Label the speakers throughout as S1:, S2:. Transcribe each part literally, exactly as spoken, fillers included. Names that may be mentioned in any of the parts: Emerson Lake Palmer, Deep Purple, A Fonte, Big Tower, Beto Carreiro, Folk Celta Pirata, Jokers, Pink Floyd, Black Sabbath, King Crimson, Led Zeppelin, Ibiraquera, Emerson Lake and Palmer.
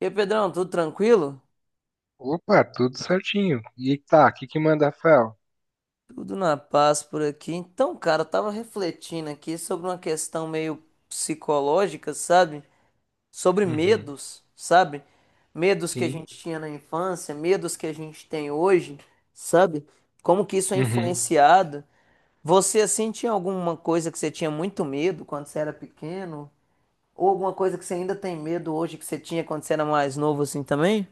S1: E aí, Pedrão, tudo tranquilo?
S2: Opa, tudo certinho. E tá, o que que manda, Rafael?
S1: Tudo na paz por aqui. Então, cara, eu tava refletindo aqui sobre uma questão meio psicológica, sabe? Sobre
S2: Uhum,
S1: medos, sabe? Medos que a
S2: sim.
S1: gente tinha na infância, medos que a gente tem hoje, sabe? Como que isso é
S2: Uhum.
S1: influenciado? Você, assim, tinha alguma coisa que você tinha muito medo quando você era pequeno? Ou alguma coisa que você ainda tem medo hoje que você tinha quando você era mais novo, assim, também?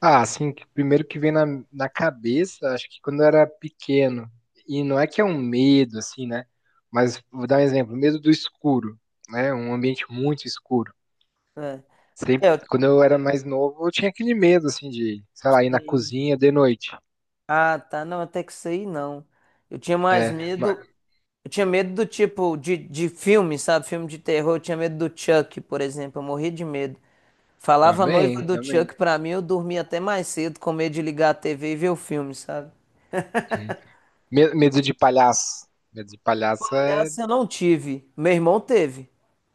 S2: Ah, assim, que primeiro que vem na, na cabeça, acho que quando eu era pequeno, e não é que é um medo, assim, né? Mas vou dar um exemplo, medo do escuro, né? Um ambiente muito escuro.
S1: É,
S2: Sempre,
S1: É, eu
S2: quando eu era mais novo, eu tinha aquele medo, assim, de, sei lá, ir na
S1: tenho.
S2: cozinha de noite.
S1: Ah, tá. Não, até que isso aí não. Eu tinha mais
S2: É, mas,
S1: medo. Eu tinha medo do tipo de, de filme, sabe? Filme de terror. Eu tinha medo do Chuck, por exemplo. Eu morria de medo. Falava a noiva
S2: também,
S1: do
S2: também.
S1: Chuck pra mim, eu dormia até mais cedo, com medo de ligar a T V e ver o filme, sabe?
S2: Uhum. Me- Medo de palhaço. Medo de palhaço é...
S1: Palhaço eu não tive. Meu irmão teve.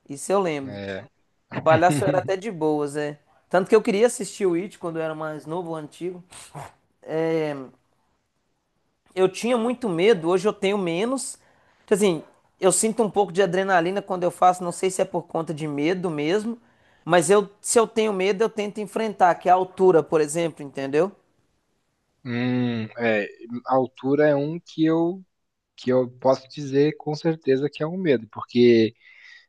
S1: Isso eu lembro.
S2: é.
S1: Palhaço eu era até de boas, é. Tanto que eu queria assistir o It quando eu era mais novo, o antigo. É, eu tinha muito medo, hoje eu tenho menos. Tipo assim, eu sinto um pouco de adrenalina quando eu faço, não sei se é por conta de medo mesmo, mas eu, se eu tenho medo, eu tento enfrentar, que é a altura, por exemplo, entendeu?
S2: Hum, é, a altura é um que eu que eu posso dizer com certeza que é um medo, porque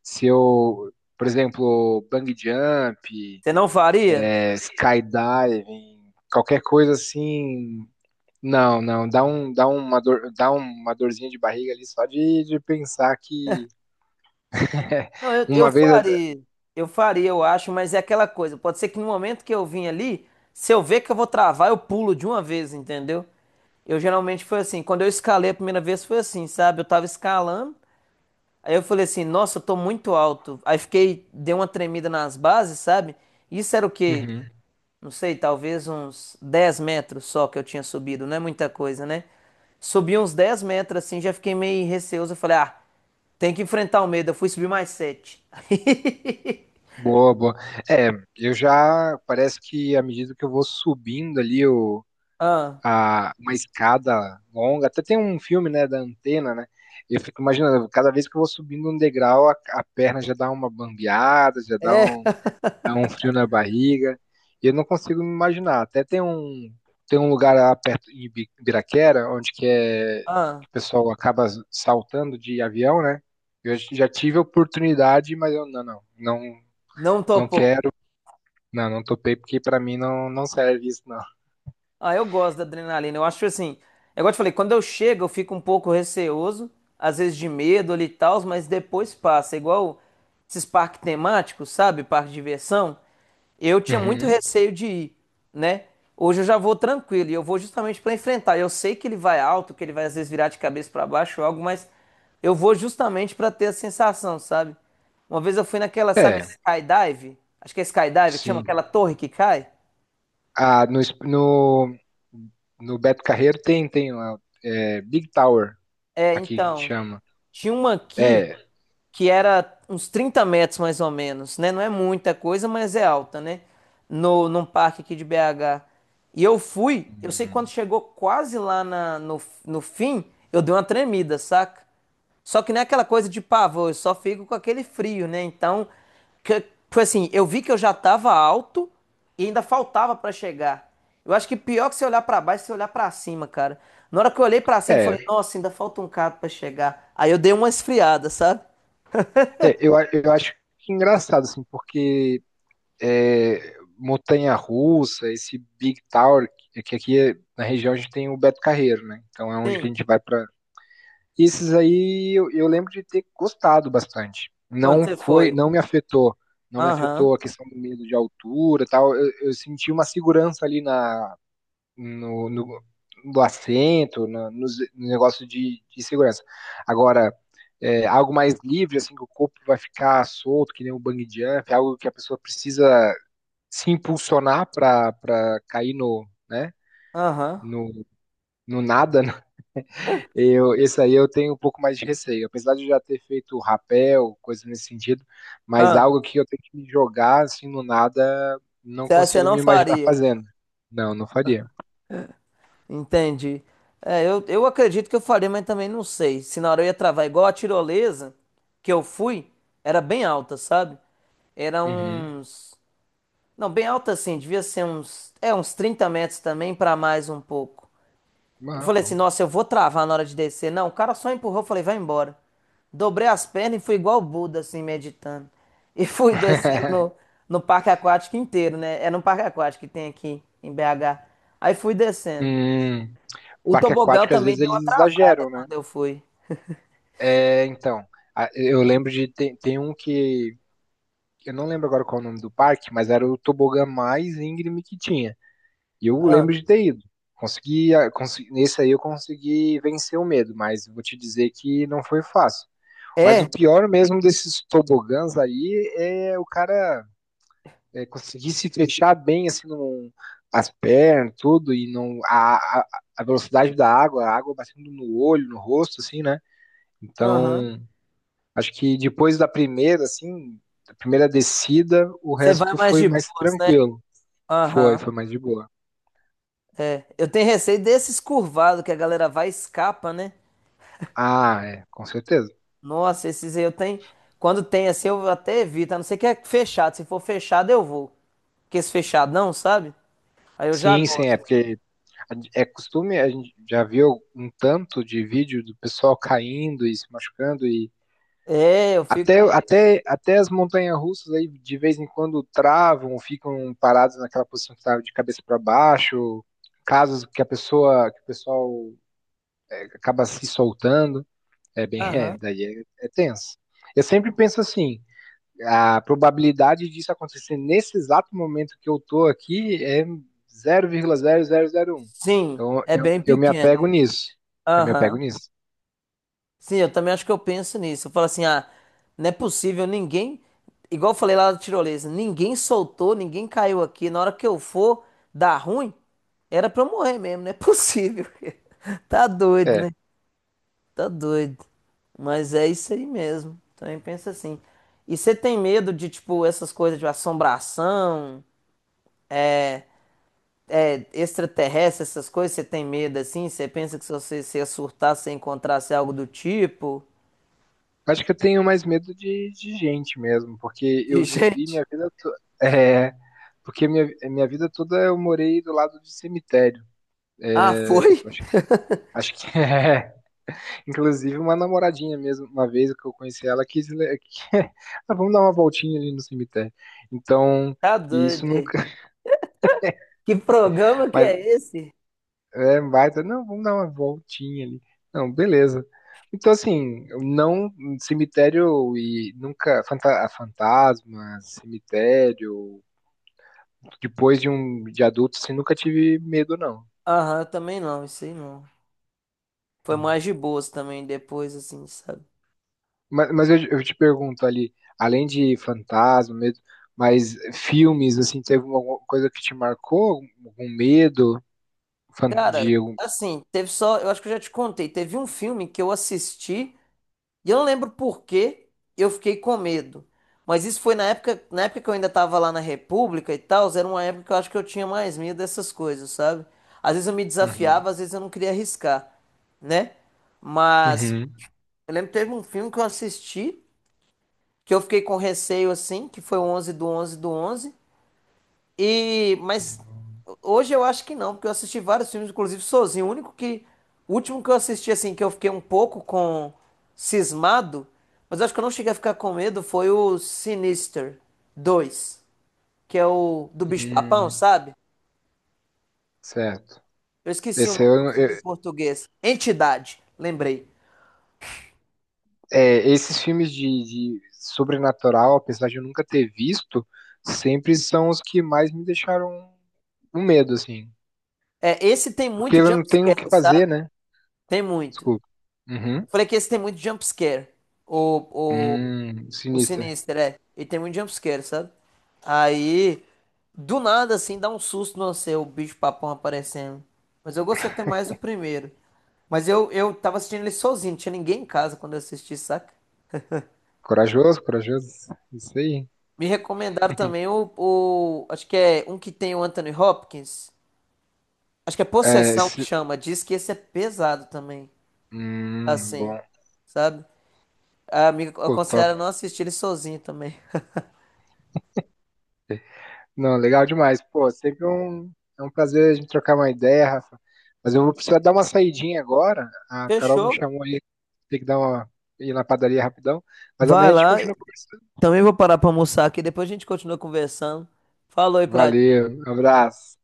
S2: se eu, por exemplo, bungee jump,
S1: Você não faria?
S2: é, skydiving, qualquer coisa assim, não, não, dá um, dá uma dor, dá uma dorzinha de barriga ali só de, de pensar que.
S1: Não, eu, eu
S2: Uma vez.
S1: faria. Eu faria, eu acho, mas é aquela coisa. Pode ser que no momento que eu vim ali, se eu ver que eu vou travar, eu pulo de uma vez, entendeu? Eu geralmente foi assim. Quando eu escalei a primeira vez, foi assim, sabe? Eu tava escalando. Aí eu falei assim, nossa, eu tô muito alto. Aí fiquei, dei uma tremida nas bases, sabe? Isso era o quê?
S2: Uhum.
S1: Não sei, talvez uns dez metros só que eu tinha subido, não é muita coisa, né? Subi uns dez metros assim, já fiquei meio receoso. Eu falei, ah, tem que enfrentar o medo. Eu fui subir mais sete.
S2: Boa, boa. É, eu já, parece que à medida que eu vou subindo ali
S1: Ah,
S2: a, uma escada longa. Até tem um filme, né, da antena, né? Eu fico imaginando, cada vez que eu vou subindo um degrau, a, a perna já dá uma bambeada, já dá
S1: é,
S2: um, dá um frio na barriga. E eu não consigo me imaginar. Até tem um, tem um lugar lá perto em Ibi- Ibiraquera, onde que é
S1: ah,
S2: que o pessoal acaba saltando de avião, né? Eu já tive a oportunidade, mas eu não, não, não,
S1: não
S2: não
S1: topou.
S2: quero, não, não topei porque para mim não, não serve isso, não.
S1: Ah, eu gosto da adrenalina. Eu acho assim, é igual eu te falei, quando eu chego, eu fico um pouco receoso, às vezes de medo ali e tal, mas depois passa. É igual esses parques temáticos, sabe? Parque de diversão. Eu tinha muito
S2: Uhum.
S1: receio de ir, né? Hoje eu já vou tranquilo e eu vou justamente para enfrentar. Eu sei que ele vai alto, que ele vai às vezes virar de cabeça para baixo ou algo, mas eu vou justamente para ter a sensação, sabe? Uma vez eu fui naquela, sabe,
S2: É,
S1: skydive? Acho que é skydive que chama
S2: sim.
S1: aquela torre que cai.
S2: Ah, no, es- no, no Beto Carreiro tem, tem lá, é, Big Tower,
S1: É,
S2: aqui que
S1: então.
S2: chama.
S1: Tinha uma aqui,
S2: É,
S1: que era uns trinta metros mais ou menos, né? Não é muita coisa, mas é alta, né? No, num parque aqui de B H. E eu fui, eu sei que quando chegou quase lá na- no, no fim, eu dei uma tremida, saca? Só que não é aquela coisa de pavor, eu só fico com aquele frio, né? Então, que, foi assim, eu vi que eu já tava alto e ainda faltava pra chegar. Eu acho que pior que você olhar pra baixo, você olhar pra cima, cara. Na hora que eu olhei pra cima, eu falei,
S2: é,
S1: nossa, ainda falta um bocado pra chegar. Aí eu dei uma esfriada, sabe?
S2: é, eu, a- eu acho que engraçado, assim, porque é, montanha-russa, esse Big Tower, que que aqui é- na região a gente tem o Beto Carreiro, né? Então é onde que a
S1: Sim,
S2: gente vai para. Esses aí eu, eu lembro de ter gostado bastante.
S1: quando
S2: Não
S1: você
S2: foi,
S1: foi.
S2: não me afetou, não me
S1: Aham,
S2: afetou a questão do medo de altura, e tal. Eu, eu senti uma segurança ali na no, no, do assento, na- nos, no negócio de, de segurança. Agora, é, algo mais livre, assim, que o corpo vai ficar solto, que nem um bang jump, algo que a pessoa precisa se impulsionar para para cair no, né,
S1: aham.
S2: no, no nada, né? Eu, esse aí eu tenho um pouco mais de receio, apesar de eu já ter feito rapel, coisa nesse sentido, mas
S1: Ah,
S2: algo que eu tenho que me jogar, assim, no nada, não
S1: você você
S2: consigo
S1: não
S2: me imaginar
S1: faria.
S2: fazendo. Não, não faria.
S1: Entendi. É, eu, eu acredito que eu faria, mas também não sei. Se na hora eu ia travar, igual a tirolesa que eu fui, era bem alta, sabe? Era
S2: Uhum.
S1: uns. Não, bem alta assim, devia ser uns. É, uns trinta metros também, pra mais um pouco. Eu
S2: Ah,
S1: falei assim,
S2: bom.
S1: nossa, eu vou travar na hora de descer. Não, o cara só empurrou, eu falei, vai embora. Dobrei as pernas e fui igual o Buda, assim, meditando. E fui descendo no, no parque aquático inteiro, né? É no parque aquático que tem aqui em B H. Aí fui descendo.
S2: Hum,
S1: O
S2: Parque
S1: tobogão
S2: aquático, às
S1: também
S2: vezes
S1: deu
S2: eles
S1: uma travada
S2: exageram, né?
S1: quando eu fui.
S2: É, então, a- eu lembro de. Tem, tem um que. Eu não lembro agora qual é o nome do parque, mas era o tobogã mais íngreme que tinha. E eu
S1: Ah.
S2: lembro de ter ido. Consegui, a- consi- nesse aí eu consegui vencer o medo, mas vou te dizer que não foi fácil. Mas o
S1: É?
S2: pior mesmo desses tobogãs aí é o cara. É, conseguisse fechar bem assim num, as pernas, tudo, e não a, a, a velocidade da água, a água batendo no olho, no rosto, assim, né?
S1: Aham.
S2: Então, acho que depois da primeira, assim, da primeira descida, o
S1: Você vai
S2: resto
S1: mais
S2: foi
S1: de
S2: mais
S1: boas, né?
S2: tranquilo. Foi,
S1: Aham,
S2: foi mais de boa.
S1: é. Eu tenho receio desses curvados que a galera vai e escapa, né?
S2: Ah, é, com certeza.
S1: Nossa, esses aí eu tenho. Quando tem assim, eu até evito, a não ser que é fechado. Se for fechado, eu vou. Porque esse fechado não, sabe? Aí eu já
S2: Sim, sim, é
S1: gosto.
S2: porque é costume, a gente já viu um tanto de vídeo do pessoal caindo e se machucando. E
S1: É, eu
S2: Até,
S1: fico.
S2: até, até as montanhas-russas aí de vez em quando travam, ficam paradas naquela posição que estava de cabeça para baixo, casos que a pessoa, que o pessoal acaba se soltando, é bem, é,
S1: Aham.
S2: daí é, é tenso. Eu sempre penso assim, a probabilidade disso acontecer nesse exato momento que eu tô aqui é zero vírgula zero zero zero vírgula um.
S1: Sim,
S2: Então
S1: é
S2: eu,
S1: bem
S2: eu me
S1: pequeno.
S2: apego nisso. Eu me apego
S1: Aham.
S2: nisso.
S1: Sim, eu também acho que eu penso nisso. Eu falo assim, ah, não é possível, ninguém. Igual eu falei lá da tirolesa, ninguém soltou, ninguém caiu aqui. Na hora que eu for dar ruim, era pra eu morrer mesmo, não é possível. Tá doido,
S2: É.
S1: né? Tá doido. Mas é isso aí mesmo. Também pensa assim. E você tem medo de, tipo, essas coisas de assombração, é, extraterrestre, essas coisas? Você tem medo assim? Você pensa que se você se surtar, você encontrasse algo do tipo?
S2: Acho que eu tenho mais medo de, de gente mesmo, porque
S1: De
S2: eu vivi
S1: gente?
S2: minha vida toda. É, porque minha, minha vida toda eu morei do lado de cemitério.
S1: Ah, foi?
S2: Acho, acho que é. Inclusive, uma namoradinha mesmo, uma vez que eu conheci ela, quis. Le- que- ah, vamos dar uma voltinha ali no cemitério. Então,
S1: Tá
S2: e isso
S1: doido. É.
S2: nunca.
S1: Que programa que
S2: Mas
S1: é esse?
S2: é baita. Não, vamos dar uma voltinha ali. Não, beleza. Então, assim, eu não. Cemitério e nunca. fanta- Fantasma, cemitério. depois de um de adulto, assim, nunca tive medo, não.
S1: Aham, também não, isso aí não. Foi
S2: Hum.
S1: mais de boas também depois, assim, sabe?
S2: Mas, mas eu, eu te pergunto ali, além de fantasma, medo, mas filmes, assim, teve alguma coisa que te marcou? Algum medo fan-
S1: Cara,
S2: de algum-
S1: assim, teve só. Eu acho que eu já te contei. Teve um filme que eu assisti. E eu não lembro por que eu fiquei com medo. Mas isso foi na época, na época que eu ainda tava lá na República e tal, era uma época que eu acho que eu tinha mais medo dessas coisas, sabe? Às vezes eu me
S2: Uhum.
S1: desafiava, às vezes eu não queria arriscar, né? Mas
S2: Uhum.
S1: eu lembro que teve um filme que eu assisti, que eu fiquei com receio assim, que foi o onze do onze do onze e, mas hoje eu acho que não, porque eu assisti vários filmes, inclusive sozinho. O único que, o último que eu assisti, assim, que eu fiquei um pouco com cismado, mas eu acho que eu não cheguei a ficar com medo, foi o Sinister dois, que é o do Bicho-Papão,
S2: Hum,
S1: sabe?
S2: certo.
S1: Eu esqueci o
S2: Esse
S1: nome do
S2: eu-
S1: filme em
S2: eu-
S1: português. Entidade, lembrei.
S2: é, esses filmes de, de sobrenatural, apesar de eu nunca ter visto, sempre são os que mais me deixaram um medo, assim.
S1: É, esse tem
S2: Porque
S1: muito
S2: eu
S1: jump
S2: não tenho o que
S1: scare,
S2: fazer,
S1: sabe?
S2: né?
S1: Tem muito.
S2: Desculpa. Uhum.
S1: Eu falei que esse tem muito jump scare. O, o
S2: Hum,
S1: O
S2: sinistra.
S1: Sinistro, é. Ele tem muito jumpscare, sabe? Aí, do nada, assim, dá um susto no você, o bicho papão aparecendo. Mas eu gostei até mais do primeiro. Mas eu, eu, tava assistindo ele sozinho, não tinha ninguém em casa quando eu assisti, saca?
S2: Corajoso, corajoso. Isso aí.
S1: Me recomendaram também o, o. Acho que é um que tem o Anthony Hopkins. Acho que é
S2: É,
S1: Possessão que
S2: esse-
S1: chama. Diz que esse é pesado também.
S2: hum,
S1: Assim,
S2: bom.
S1: sabe? A amiga
S2: Pô, top.
S1: aconselharam não assistir ele sozinho também.
S2: Não, legal demais. Pô, sempre um, é um prazer a gente trocar uma ideia, Rafa. Mas eu vou precisar dar uma saidinha agora. A Carol me
S1: Fechou?
S2: chamou aí, tem que dar uma ir na padaria rapidão. Mas
S1: Vai
S2: amanhã a gente
S1: lá,
S2: continua conversando.
S1: também vou parar para almoçar aqui, depois a gente continua conversando. Falou aí pra ti.
S2: Valeu, abraço.